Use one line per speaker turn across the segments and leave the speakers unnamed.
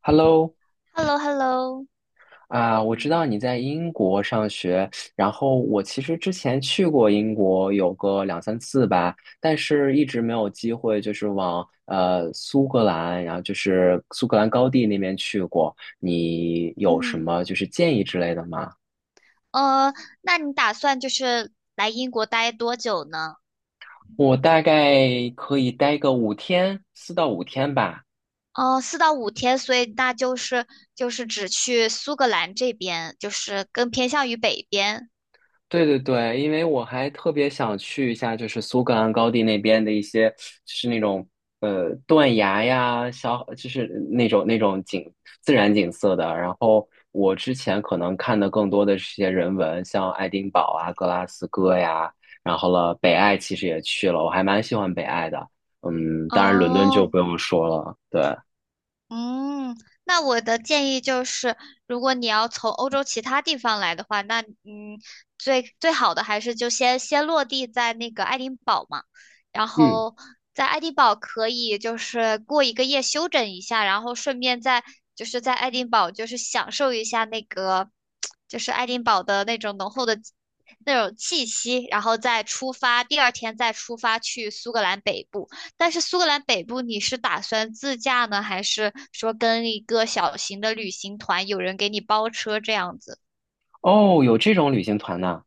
Hello，
h e l l o h e l l o
啊、我知道你在英国上学，然后我其实之前去过英国有个两三次吧，但是一直没有机会，就是往苏格兰，然后就是苏格兰高地那边去过。你有什
嗯，
么就是建议之类的吗？
呃，那你打算就是来英国待多久呢？
我大概可以待个五天，四到五天吧。
哦，四到五天，所以那就是就是只去苏格兰这边，就是更偏向于北边。
对对对，因为我还特别想去一下，就是苏格兰高地那边的一些，就是那种断崖呀，就是那种自然景色的。然后我之前可能看的更多的是一些人文，像爱丁堡啊、格拉斯哥呀，然后了北爱其实也去了，我还蛮喜欢北爱的。嗯，当然伦敦就
哦，
不用说了。对，
嗯，那我的建议就是，如果你要从欧洲其他地方来的话，那最好的还是就先落地在那个爱丁堡嘛，然
嗯，
后在爱丁堡可以就是过一个夜休整一下，然后顺便在就是在爱丁堡就是享受一下那个就是爱丁堡的那种浓厚的那种气息，然后再出发，第二天再出发去苏格兰北部。但是苏格兰北部你是打算自驾呢，还是说跟一个小型的旅行团，有人给你包车这样子？
哦，有这种旅行团呐。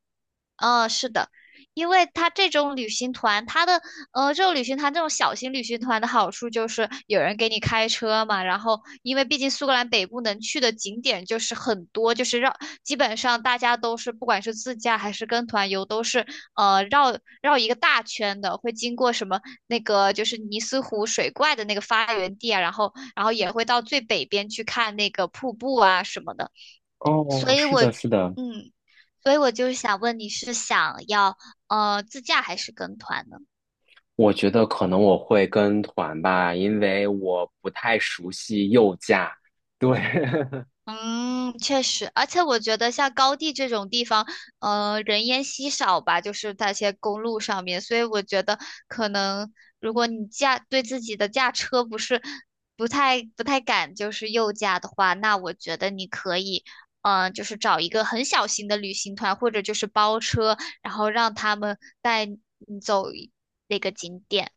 嗯，是的，因为它这种旅行团，它的这种旅行团这种小型旅行团的好处就是有人给你开车嘛，然后因为毕竟苏格兰北部能去的景点就是很多，就是绕，基本上大家都是不管是自驾还是跟团游，都是绕绕一个大圈的，会经过什么那个就是尼斯湖水怪的那个发源地啊，然后也会到最北边去看那个瀑布啊什么的。
哦，
所以
是
我，
的，是的。
嗯，所以我就是想问你是想要自驾还是跟团呢？
我觉得可能我会跟团吧，因为我不太熟悉右驾。对，
嗯，确实，而且我觉得像高地这种地方，人烟稀少吧，就是那些公路上面，所以我觉得可能如果你驾对自己的驾车不是不太敢，就是右驾的话，那我觉得你可以，嗯，就是找一个很小型的旅行团，或者就是包车，然后让他们带你走一那个景点。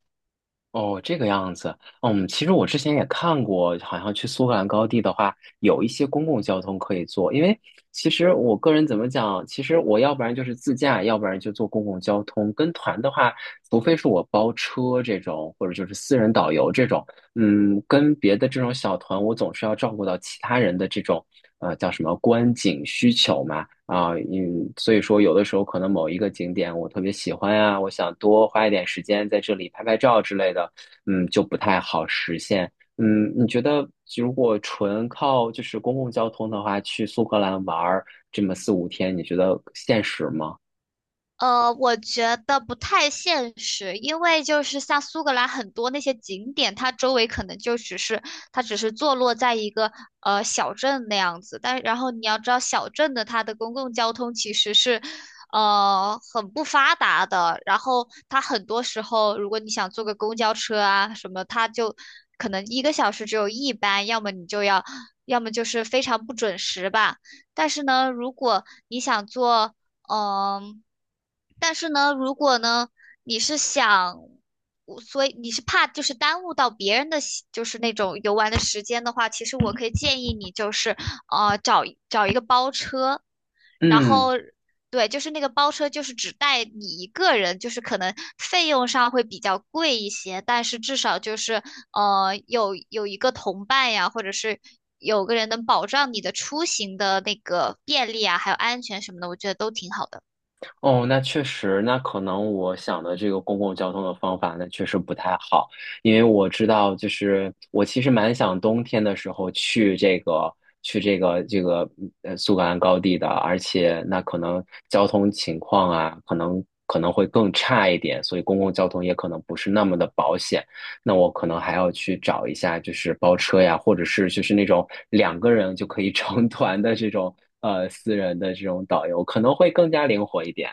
哦，这个样子。嗯，其实我之前也看过，好像去苏格兰高地的话，有一些公共交通可以坐。因为其实我个人怎么讲，其实我要不然就是自驾，要不然就坐公共交通。跟团的话，除非是我包车这种，或者就是私人导游这种，嗯，跟别的这种小团，我总是要照顾到其他人的这种叫什么观景需求嘛啊，嗯，所以说有的时候可能某一个景点我特别喜欢啊，我想多花一点时间在这里拍拍照之类的，嗯，就不太好实现。嗯，你觉得如果纯靠就是公共交通的话，去苏格兰玩儿这么四五天，你觉得现实吗？
我觉得不太现实，因为就是像苏格兰很多那些景点，它周围可能就只是它只是坐落在一个小镇那样子，但然后你要知道小镇的它的公共交通其实是很不发达的，然后它很多时候如果你想坐个公交车啊什么，它就可能一个小时只有一班，要么你就要，要么就是非常不准时吧。但是呢，如果你想坐。嗯，但是呢，如果呢，你是想，我所以你是怕就是耽误到别人的喜就是那种游玩的时间的话，其实我可以建议你就是，找一个包车，然后
嗯。
对，就是那个包车就是只带你一个人，就是可能费用上会比较贵一些，但是至少就是有一个同伴呀，或者是。有个人能保障你的出行的那个便利啊，还有安全什么的，我觉得都挺好的。
哦，那确实，那可能我想的这个公共交通的方法，那确实不太好，因为我知道，就是我其实蛮想冬天的时候去这个去这个苏格兰高地的，而且那可能交通情况啊，可能会更差一点，所以公共交通也可能不是那么的保险，那我可能还要去找一下，就是包车呀，或者是就是那种两个人就可以 成团的这种私人的这种导游，可能会更加灵活一点。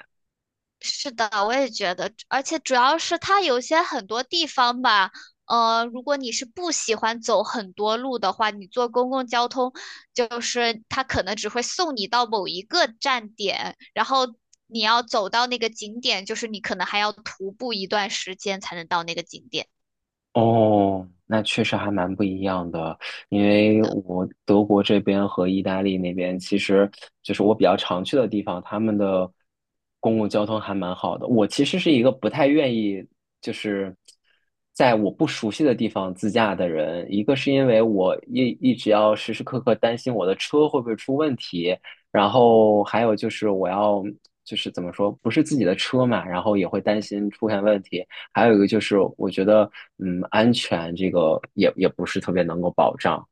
是的，我也觉得，而且主要是它有些很多地方吧，如果你是不喜欢走很多路的话，你坐公共交通，就是它可能只会送你到某一个站点，然后你要走到那个景点，就是你可能还要徒步一段时间才能到那个景点。的。
哦，那确实还蛮不一样的，因为我德国这边和意大利那边，其实就是我比较常去的地方，他们的公共交通还蛮好的。我其实是一个不太愿意就是在我不熟悉的地方自驾的人，一个是因为我一直要时时刻刻担心我的车会不会出问题，然后还有就是我要就是怎么说，不是自己的车嘛，然后也会担心出现问题。还有一个就是，我觉得，嗯，安全这个也不是特别能够保障。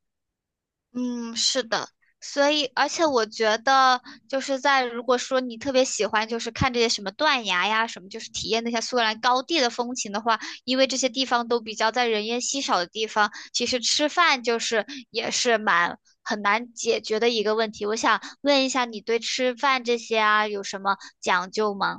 嗯，是的，所以而且我觉得就是在如果说你特别喜欢就是看这些什么断崖呀什么，就是体验那些苏格兰高地的风情的话，因为这些地方都比较在人烟稀少的地方，其实吃饭就是也是蛮很难解决的一个问题。我想问一下，你对吃饭这些啊有什么讲究吗？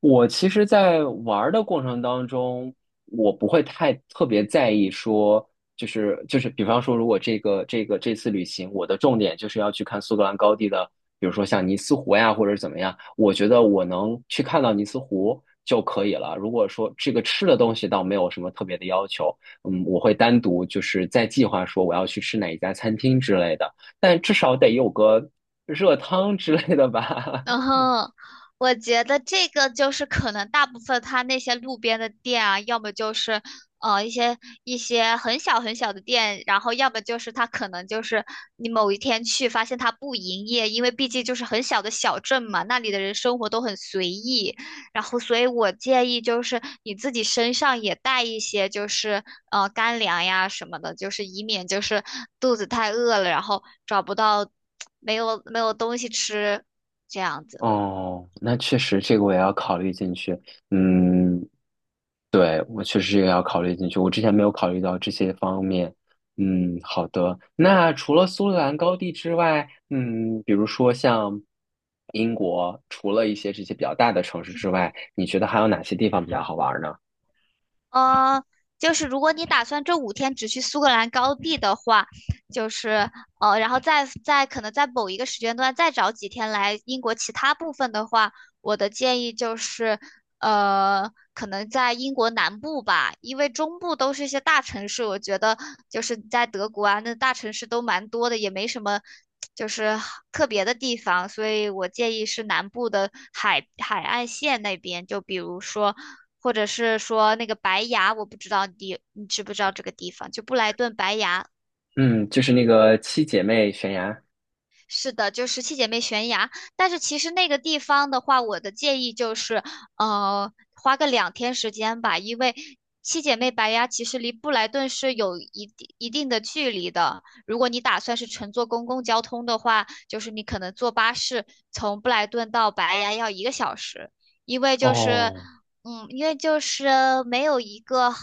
我其实，在玩儿的过程当中，我不会太特别在意说，就是，比方说，如果这个这次旅行，我的重点就是要去看苏格兰高地的，比如说像尼斯湖呀，或者怎么样，我觉得我能去看到尼斯湖就可以了。如果说这个吃的东西倒没有什么特别的要求，嗯，我会单独就是在计划说我要去吃哪一家餐厅之类的，但至少得有个热汤之类的吧。
然 后我觉得这个就是可能大部分他那些路边的店啊，要么就是呃一些一些很小很小的店，然后要么就是他可能就是你某一天去发现他不营业，因为毕竟就是很小的小镇嘛，那里的人生活都很随意。然后所以我建议就是你自己身上也带一些就是干粮呀什么的，就是以免就是肚子太饿了，然后找不到 没有没有东西吃。这样子。
哦，那确实，这个我也要考虑进去。嗯，对，我确实也要考虑进去。我之前没有考虑到这些方面。嗯，好的。那除了苏格兰高地之外，嗯，比如说像英国，除了一些这些比较大的城市之外，你觉得还有哪些地方比较好玩呢？
呃，就是如果你打算这五天只去苏格兰高地的话，就是然后再可能在某一个时间段再找几天来英国其他部分的话，我的建议就是，可能在英国南部吧，因为中部都是一些大城市，我觉得就是在德国啊，那大城市都蛮多的，也没什么就是特别的地方，所以我建议是南部的海岸线那边，就比如说，或者是说那个白崖，我不知道你知不知道这个地方，就布莱顿白崖。
嗯，就是那个七姐妹悬崖。
是的，就十七姐妹悬崖。但是其实那个地方的话，我的建议就是，花个两天时间吧，因为七姐妹白崖其实离布莱顿是有一定的距离的。如果你打算是乘坐公共交通的话，就是你可能坐巴士从布莱顿到白崖要一个小时，因为就是，
哦，
嗯，因为就是没有一个，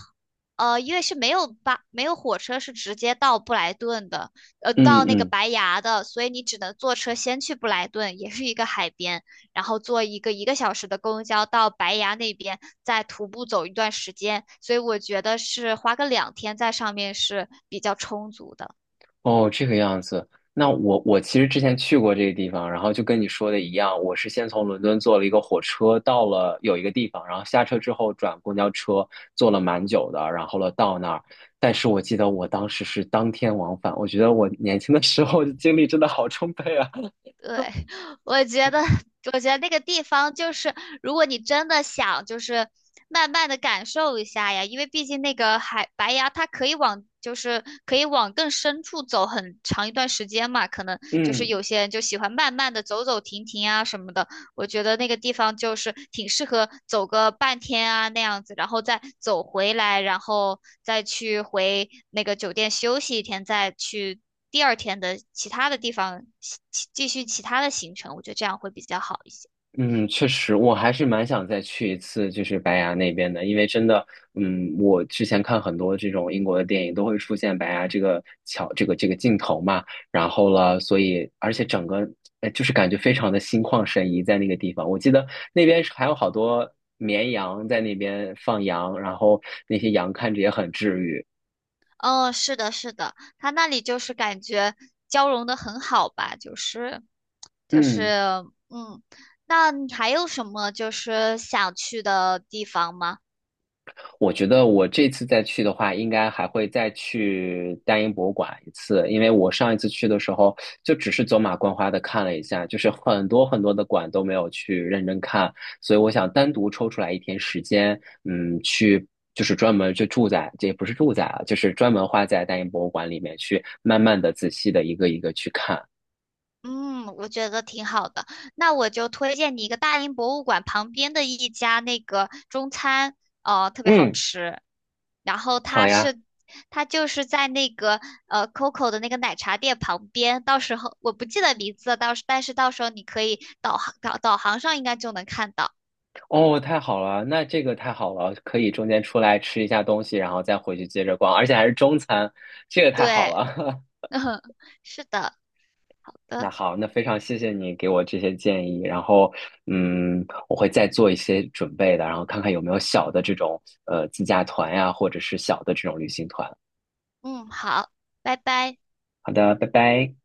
因为是没有没有火车是直接到布莱顿的。
嗯
到那个
嗯。
白崖的，所以你只能坐车先去布莱顿，也是一个海边，然后坐一个小时的公交到白崖那边，再徒步走一段时间。所以我觉得是花个两天在上面是比较充足的。
哦，这个样子。那我其实之前去过这个地方，然后就跟你说的一样，我是先从伦敦坐了一个火车到了有一个地方，然后下车之后转公交车，坐了蛮久的，然后了到那儿。但是我记得我当时是当天往返，我觉得我年轻的时候的经历真的好充沛啊。
对，我觉得，我觉得那个地方就是，如果你真的想，就是慢慢的感受一下呀，因为毕竟那个海白崖，它可以往，就是可以往更深处走很长一段时间嘛，可能就是
嗯，
有些人就喜欢慢慢的走走停停啊什么的，我觉得那个地方就是挺适合走个半天啊那样子，然后再走回来，然后再去回那个酒店休息一天，再去第二天的其他的地方其继续其他的行程，我觉得这样会比较好一些。
嗯，确实，我还是蛮想再去一次，就是白崖那边的，因为真的，嗯，我之前看很多这种英国的电影都会出现白崖这个桥，这个镜头嘛，然后了，所以而且整个就是感觉非常的心旷神怡在那个地方。我记得那边是还有好多绵羊在那边放羊，然后那些羊看着也很治愈。
嗯，是的，是的，他那里就是感觉交融的很好吧，就是
嗯。
嗯，那你还有什么就是想去的地方吗？
我觉得我这次再去的话，应该还会再去大英博物馆一次，因为我上一次去的时候就只是走马观花的看了一下，就是很多的馆都没有去认真看，所以我想单独抽出来一天时间，嗯，去就是专门就住在，这也不是住在啊，就是专门花在大英博物馆里面去慢慢的、仔细的一个去看。
嗯，我觉得挺好的。那我就推荐你一个大英博物馆旁边的一家那个中餐，哦，特别好
嗯，
吃。然后
好
它
呀。
是，它就是在那个Coco 的那个奶茶店旁边。到时候我不记得名字了但是到时候你可以导航导航上应该就能看到。
哦，太好了，那这个太好了，可以中间出来吃一下东西，然后再回去接着逛，而且还是中餐，这个太好
对，
了。
嗯，是的，好
那
的，
好，那非常谢谢你给我这些建议，然后嗯，我会再做一些准备的，然后看看有没有小的这种自驾团呀，或者是小的这种旅行团。
嗯，好，拜拜。
好的，拜拜。